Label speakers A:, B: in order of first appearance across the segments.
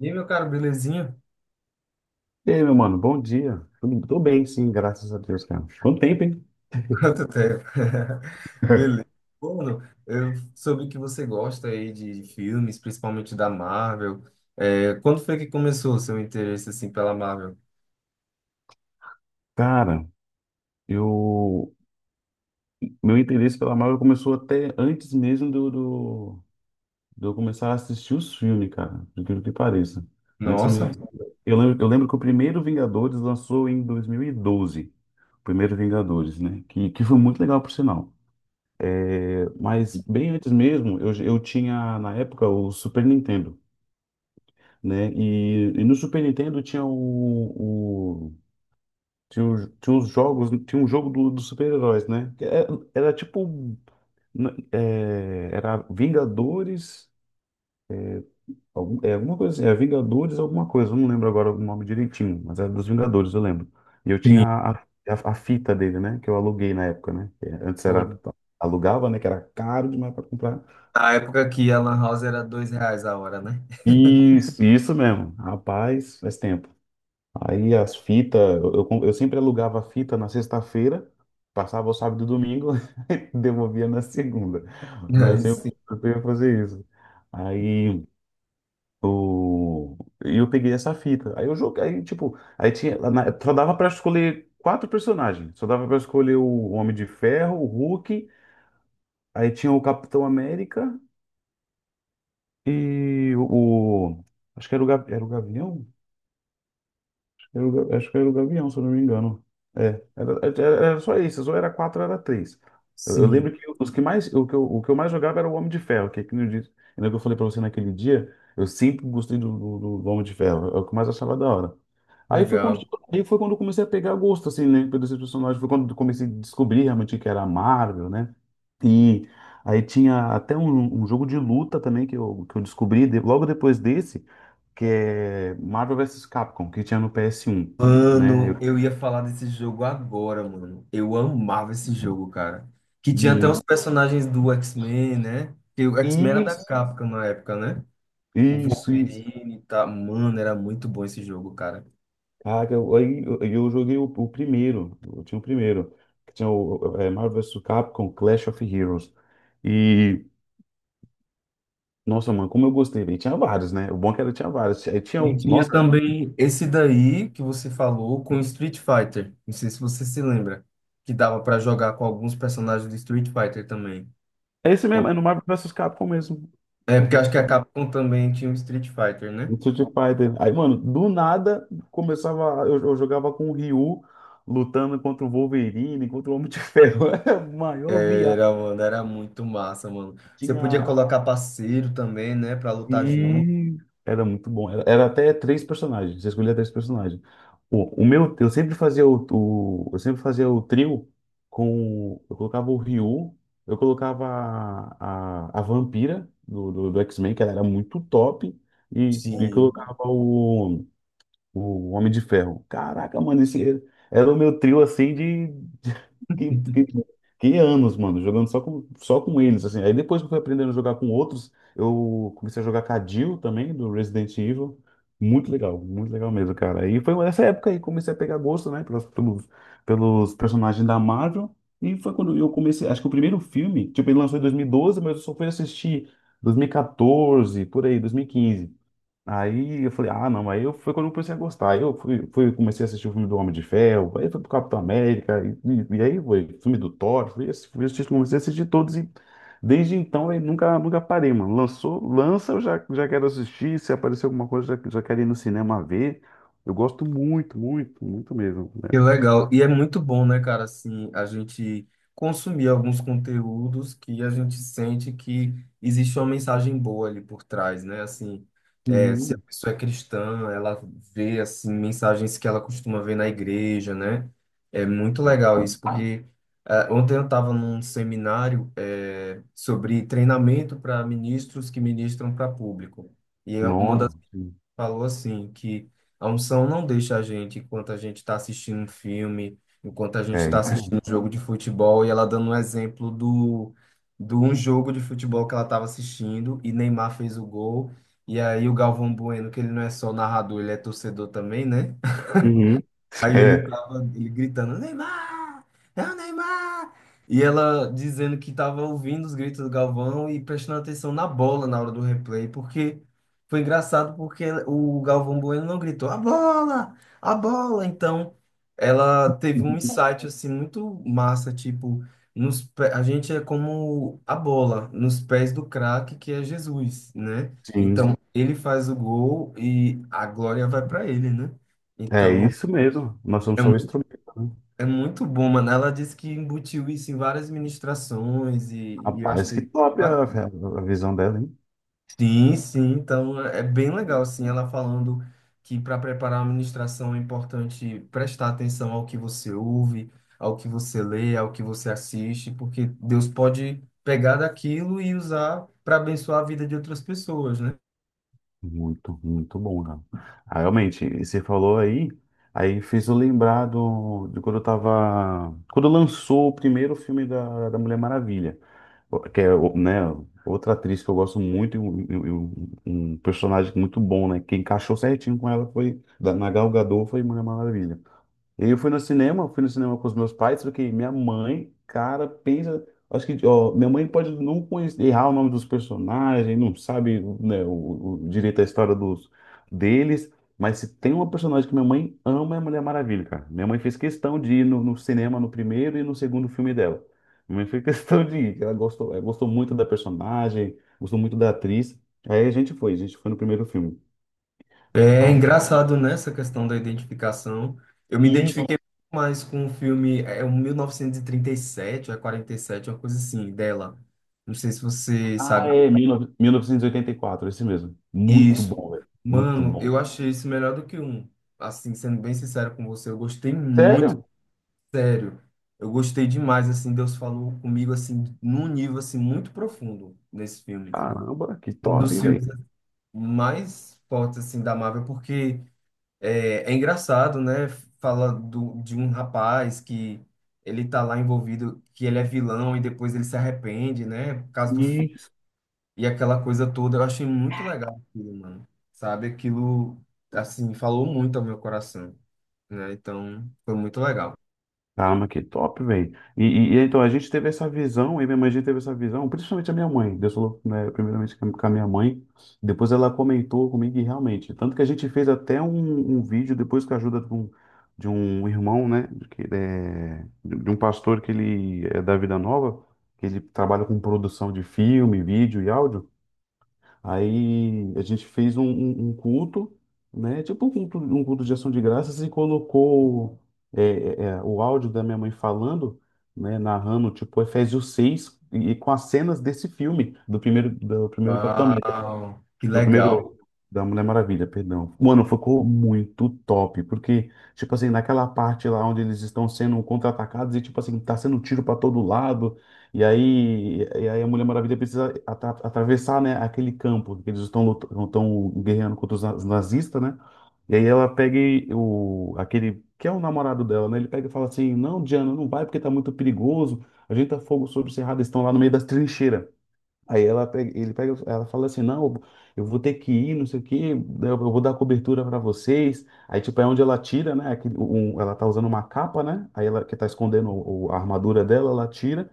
A: E aí, meu caro, belezinha?
B: E aí, meu mano, bom dia. Tô bem, sim, graças a Deus, cara. Quanto tempo, hein?
A: Quanto tempo? Beleza. Bruno, eu soube que você gosta aí de filmes, principalmente da Marvel. É, quando foi que começou o seu interesse assim pela Marvel?
B: Cara, eu... meu interesse pela Marvel começou até antes mesmo de eu começar a assistir os filmes, cara, por incrível que pareça. Antes
A: Nossa,
B: mesmo... eu lembro que o primeiro Vingadores lançou em 2012, o primeiro Vingadores, né? Que foi muito legal, por sinal. É, mas bem antes mesmo, eu tinha na época o Super Nintendo, né? E no Super Nintendo tinha uns jogos, tinha um jogo dos super-heróis, né? Era, tipo, era Vingadores, alguma coisa assim, é Vingadores alguma coisa, eu não lembro agora o nome direitinho, mas era dos Vingadores, eu lembro. E eu tinha
A: sim.
B: a fita dele, né? Que eu aluguei na época, né? Que antes era. Alugava, né? Que era caro demais pra comprar.
A: Na época que a Lan House era R$ 2 a hora, né?
B: Isso mesmo. Rapaz, faz tempo. Aí as fitas, eu sempre alugava a fita na sexta-feira, passava o sábado e domingo, e devolvia na segunda, né? Eu
A: Aí
B: sempre,
A: sim,
B: eu sempre ia fazer isso. Aí o, e eu peguei essa fita. Aí eu joguei, aí, tipo, só dava pra escolher quatro personagens. Só dava pra escolher o Homem de Ferro, o Hulk, aí tinha o Capitão América e o, o- acho que era era o Gavião? Acho que era o Gavião, se eu não me engano. Era só isso, ou era quatro, era três. Eu
A: sim,
B: lembro que o que eu mais jogava era o Homem de Ferro, que aquele dia, lembra que eu falei pra você naquele dia, eu sempre gostei do Homem de Ferro, é o que eu mais achava da hora. Aí foi quando,
A: legal.
B: aí foi quando eu comecei a pegar gosto, assim, né, pelos esses personagens. Foi quando eu comecei a descobrir realmente que era a Marvel, né? E aí tinha até um jogo de luta também que eu descobri logo depois desse, que é Marvel versus Capcom, que tinha no PS1, né? Eu,
A: Mano, eu ia falar desse jogo agora, mano. Eu amava esse jogo, cara. Que tinha até os
B: muito.
A: personagens do X-Men, né? Que o X-Men era da
B: Isso,
A: Capcom na época, né? O
B: isso, isso.
A: Wolverine, tá? Mano, era muito bom esse jogo, cara.
B: Cara, aí eu joguei o primeiro, eu tinha o primeiro, que tinha o Marvel versus Capcom Clash of Heroes. e Nossa, mano, como eu gostei, velho. Tinha vários, né? O bom é que era tinha vários. Aí tinha
A: E
B: o.
A: tinha
B: Nossa,
A: também esse daí que você falou com Street Fighter. Não sei se você se lembra. Que dava pra jogar com alguns personagens do Street Fighter também.
B: é esse mesmo, é no Marvel vs Capcom mesmo.
A: É porque acho que a Capcom também tinha o Street Fighter, né?
B: No Street Fighter. Aí, mano, do nada começava. Eu jogava com o Ryu lutando contra o Wolverine, contra o Homem de Ferro. Era a maior viagem.
A: Era, mano, era muito massa, mano. Você podia
B: Tinha
A: colocar parceiro também, né, pra lutar junto.
B: E era muito bom. Era até três personagens. Você escolhia três personagens. O meu, eu sempre fazia o trio eu colocava o Ryu, eu colocava a vampira do X-Men, que ela era muito top, e
A: Sim.
B: colocava o Homem de Ferro. Caraca, mano, esse era o meu trio, assim. Que, que, que anos, mano, jogando só com eles, assim. Aí depois que eu fui aprendendo a jogar com outros, eu comecei a jogar com a Jill também, do Resident Evil. Muito legal mesmo, cara. E foi nessa época aí que comecei a pegar gosto, né, pelos, pelos, personagens da Marvel. E foi quando eu comecei, acho que o primeiro filme, tipo, ele lançou em 2012, mas eu só fui assistir 2014, por aí, 2015. Aí eu falei, ah, não, foi quando eu comecei a gostar. Aí eu fui, comecei a assistir o filme do Homem de Ferro, aí foi pro Capitão América, e aí foi filme do Thor, fui assistir, comecei a assistir todos, e desde então eu nunca, parei, mano. Lançou, lança, eu já quero assistir, se aparecer alguma coisa, já quero ir no cinema ver. Eu gosto muito, muito, muito mesmo, né?
A: Que legal. E é muito bom, né, cara, assim, a gente consumir alguns conteúdos que a gente sente que existe uma mensagem boa ali por trás, né? Assim, se a
B: Sim.
A: pessoa é cristã, ela vê, assim, mensagens que ela costuma ver na igreja, né? É muito legal
B: Ah,
A: isso, porque ah, ontem eu estava num seminário sobre treinamento para ministros que ministram para público. E é uma
B: nossa, sim.
A: falou assim que a unção não deixa a gente enquanto a gente está assistindo um filme, enquanto a gente
B: É
A: está
B: isso mesmo.
A: assistindo um jogo de futebol, e ela dando um exemplo do de um jogo de futebol que ela estava assistindo e Neymar fez o gol. E aí o Galvão Bueno, que ele não é só narrador, ele é torcedor também, né?
B: Uhum.
A: Aí ele
B: É,
A: tava, ele gritando, Neymar! É o Neymar! E ela dizendo que tava ouvindo os gritos do Galvão e prestando atenção na bola na hora do replay, porque foi engraçado porque o Galvão Bueno não gritou, a bola! A bola! Então, ela teve um insight, assim, muito massa, tipo, nos, pé- a gente é como a bola, nos pés do craque, que é Jesus, né?
B: sim,
A: Então, ele faz o gol e a glória vai para ele, né?
B: é
A: Então...
B: isso mesmo. Nós somos só um
A: é
B: instrumento, né?
A: é muito bom, mano. Ela disse que embutiu isso em várias ministrações e eu
B: Rapaz,
A: achei
B: que top a,
A: bacana.
B: a visão dela, hein?
A: Sim, sim. Então é bem legal, assim, ela falando que para preparar uma ministração é importante prestar atenção ao que você ouve, ao que você lê, ao que você assiste, porque Deus pode pegar daquilo e usar para abençoar a vida de outras pessoas.
B: Muito, muito bom, cara. Ah, realmente, e você falou aí, fez eu lembrar de quando eu tava. Quando lançou o primeiro filme da Mulher Maravilha, né, outra atriz que eu gosto muito e um, e um personagem muito bom, né? Que encaixou certinho com ela foi, na Gal Gadot foi Mulher Maravilha. E eu fui no cinema, com os meus pais, só que minha mãe, cara, pensa. Acho que, ó, minha mãe pode não conhecer, errar o nome dos personagens, não sabe, né, o direito à história deles, mas se tem uma personagem que minha mãe ama, é a Mulher Maravilha, cara. Minha mãe fez questão de ir no cinema no primeiro e no segundo filme dela. Minha mãe fez questão de ir, que ela gostou, muito da personagem, gostou muito da atriz. Aí a gente foi no primeiro filme.
A: É engraçado nessa questão da identificação. Eu me
B: Aí
A: identifiquei muito mais com o filme, é um sete ou é 47, uma coisa assim, dela. Não sei se você
B: Ah,
A: sabe
B: 19- 1984, esse mesmo. Muito
A: isso.
B: bom, velho. Muito
A: Mano,
B: bom.
A: eu achei isso melhor do que um. Assim, sendo bem sincero com você, eu gostei muito,
B: Sério?
A: sério. Eu gostei demais, assim, Deus falou comigo, assim, num nível, assim, muito profundo nesse filme.
B: Caramba, que
A: Um
B: top,
A: dos filmes
B: velho.
A: assim, mais fortes, assim, da Marvel, porque... É, é engraçado, né? Fala do, de um rapaz que ele tá lá envolvido, que ele é vilão e depois ele se arrepende, né? Por causa do filho.
B: Isso.
A: E aquela coisa toda, eu achei muito legal aquilo, mano. Sabe? Aquilo, assim, falou muito ao meu coração, né? Então, foi muito legal.
B: Caramba, que top, velho. E então, a gente teve essa visão, eu e minha mãe, a gente teve essa visão, principalmente a minha mãe. Deus falou, né, primeiramente com a minha mãe, depois ela comentou comigo e realmente. Tanto que a gente fez até um vídeo, depois com a ajuda de um irmão, né, que ele é, de um pastor que ele é da Vida Nova, que ele trabalha com produção de filme, vídeo e áudio. Aí a gente fez um culto, né? Tipo um culto de ação de graças e colocou o áudio da minha mãe falando, né? Narrando, tipo, Efésios 6 e com as cenas desse filme, do primeiro Capitão América.
A: Uau, que
B: Meu
A: legal.
B: primeiro da Mulher Maravilha, perdão. Mano, ficou muito top, porque, tipo assim, naquela parte lá onde eles estão sendo contra-atacados e, tipo assim, tá sendo tiro pra todo lado, e aí a Mulher Maravilha precisa atravessar, né, aquele campo que eles estão estão guerreando contra os nazistas, né? E aí ela pega aquele, que é o namorado dela, né? Ele pega e fala assim, não, Diana, não vai porque tá muito perigoso, a gente tá fogo sobre o cerrado, eles estão lá no meio das trincheiras. Aí ela pega, ele pega, ela fala assim, não, eu vou ter que ir, não sei o quê, eu vou dar cobertura para vocês. Aí tipo é onde ela tira, né, ela tá usando uma capa, né? Aí ela que tá escondendo a armadura dela, ela tira.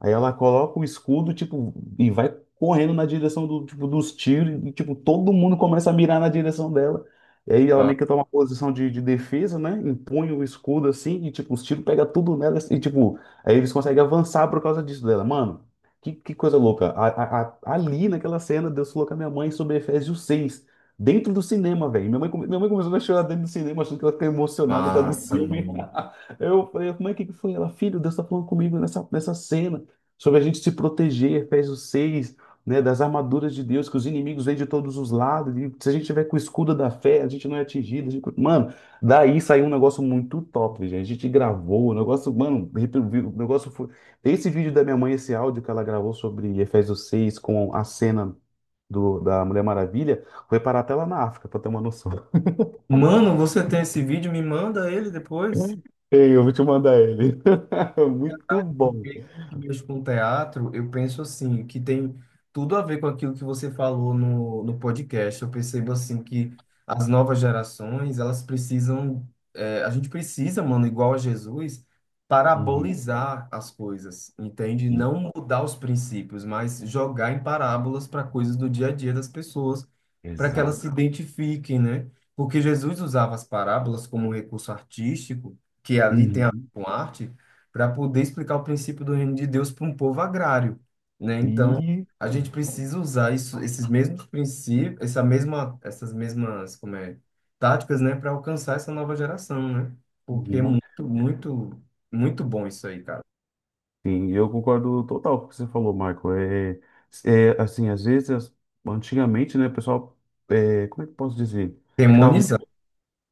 B: Aí ela coloca o escudo, tipo, e vai correndo na direção tipo, dos tiros, e, tipo, todo mundo começa a mirar na direção dela. E aí ela meio que toma uma posição de defesa, né? Impõe o escudo assim, e, tipo, os tiros pegam tudo nela, e, tipo, aí eles conseguem avançar por causa disso dela. Mano, que coisa louca. Ali naquela cena, Deus falou com a minha mãe sobre Efésios 6 dentro do cinema, velho. Minha mãe começou a chorar dentro do cinema, achando que ela ficou emocionada por causa do
A: Massa,
B: filme.
A: mano.
B: Eu falei, mãe, o que que foi? Ela, filho, Deus tá falando comigo nessa cena sobre a gente se proteger, Efésios 6, né, das armaduras de Deus, que os inimigos vêm de todos os lados, e se a gente tiver com o escudo da fé, a gente não é atingido. Mano, daí saiu um negócio muito top, gente. A gente gravou, o negócio, mano, o negócio foi. Esse vídeo da minha mãe, esse áudio que ela gravou sobre Efésios 6 com a cena. Da Mulher Maravilha, foi parar até lá na África, pra ter uma noção.
A: Mano, você tem esse vídeo? Me manda ele depois.
B: Ei, eu vou te mandar ele. Muito bom.
A: Porque mesmo com teatro, eu penso assim, que tem tudo a ver com aquilo que você falou no, no podcast. Eu percebo assim que as novas gerações, elas precisam, a gente precisa, mano, igual a Jesus,
B: Uhum.
A: parabolizar as coisas, entende? Não mudar os princípios, mas jogar em parábolas para coisas do dia a dia das pessoas, para que elas
B: Exato.
A: se identifiquem, né? Porque Jesus usava as parábolas como um recurso artístico, que ali tem a ver
B: Uhum.
A: com arte para poder explicar o princípio do reino de Deus para um povo agrário, né? Então,
B: E
A: a gente precisa usar isso, esses mesmos princípios, essa mesma, essas mesmas, como é, táticas, né, para alcançar essa nova geração, né? Porque é
B: Uhum.
A: muito, muito, muito bom isso aí, cara.
B: Sim, eu concordo total com o que você falou, Marco. É assim, às vezes, antigamente, né, o pessoal, como é que eu posso dizer? Ficava
A: Demonizar.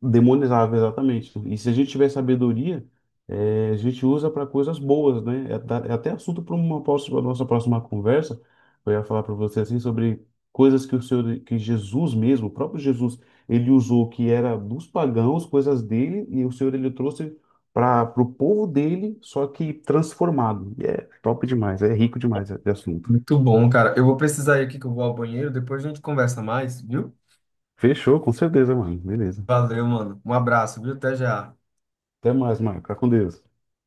B: demonizável, exatamente. E se a gente tiver sabedoria, a gente usa para coisas boas, né? É até assunto para uma próxima, nossa próxima conversa. Eu ia falar para você assim sobre coisas que o Senhor, que Jesus mesmo, o próprio Jesus, ele usou que era dos pagãos, coisas dele, e o Senhor ele trouxe para o povo dele, só que transformado. E é top demais, é rico demais de assunto.
A: Muito bom, cara. Eu vou precisar ir aqui que eu vou ao banheiro, depois a gente conversa mais, viu?
B: Fechou, com certeza, mano. Beleza.
A: Valeu, mano. Um abraço, viu? Até já.
B: Até mais, Marco. Fica com Deus.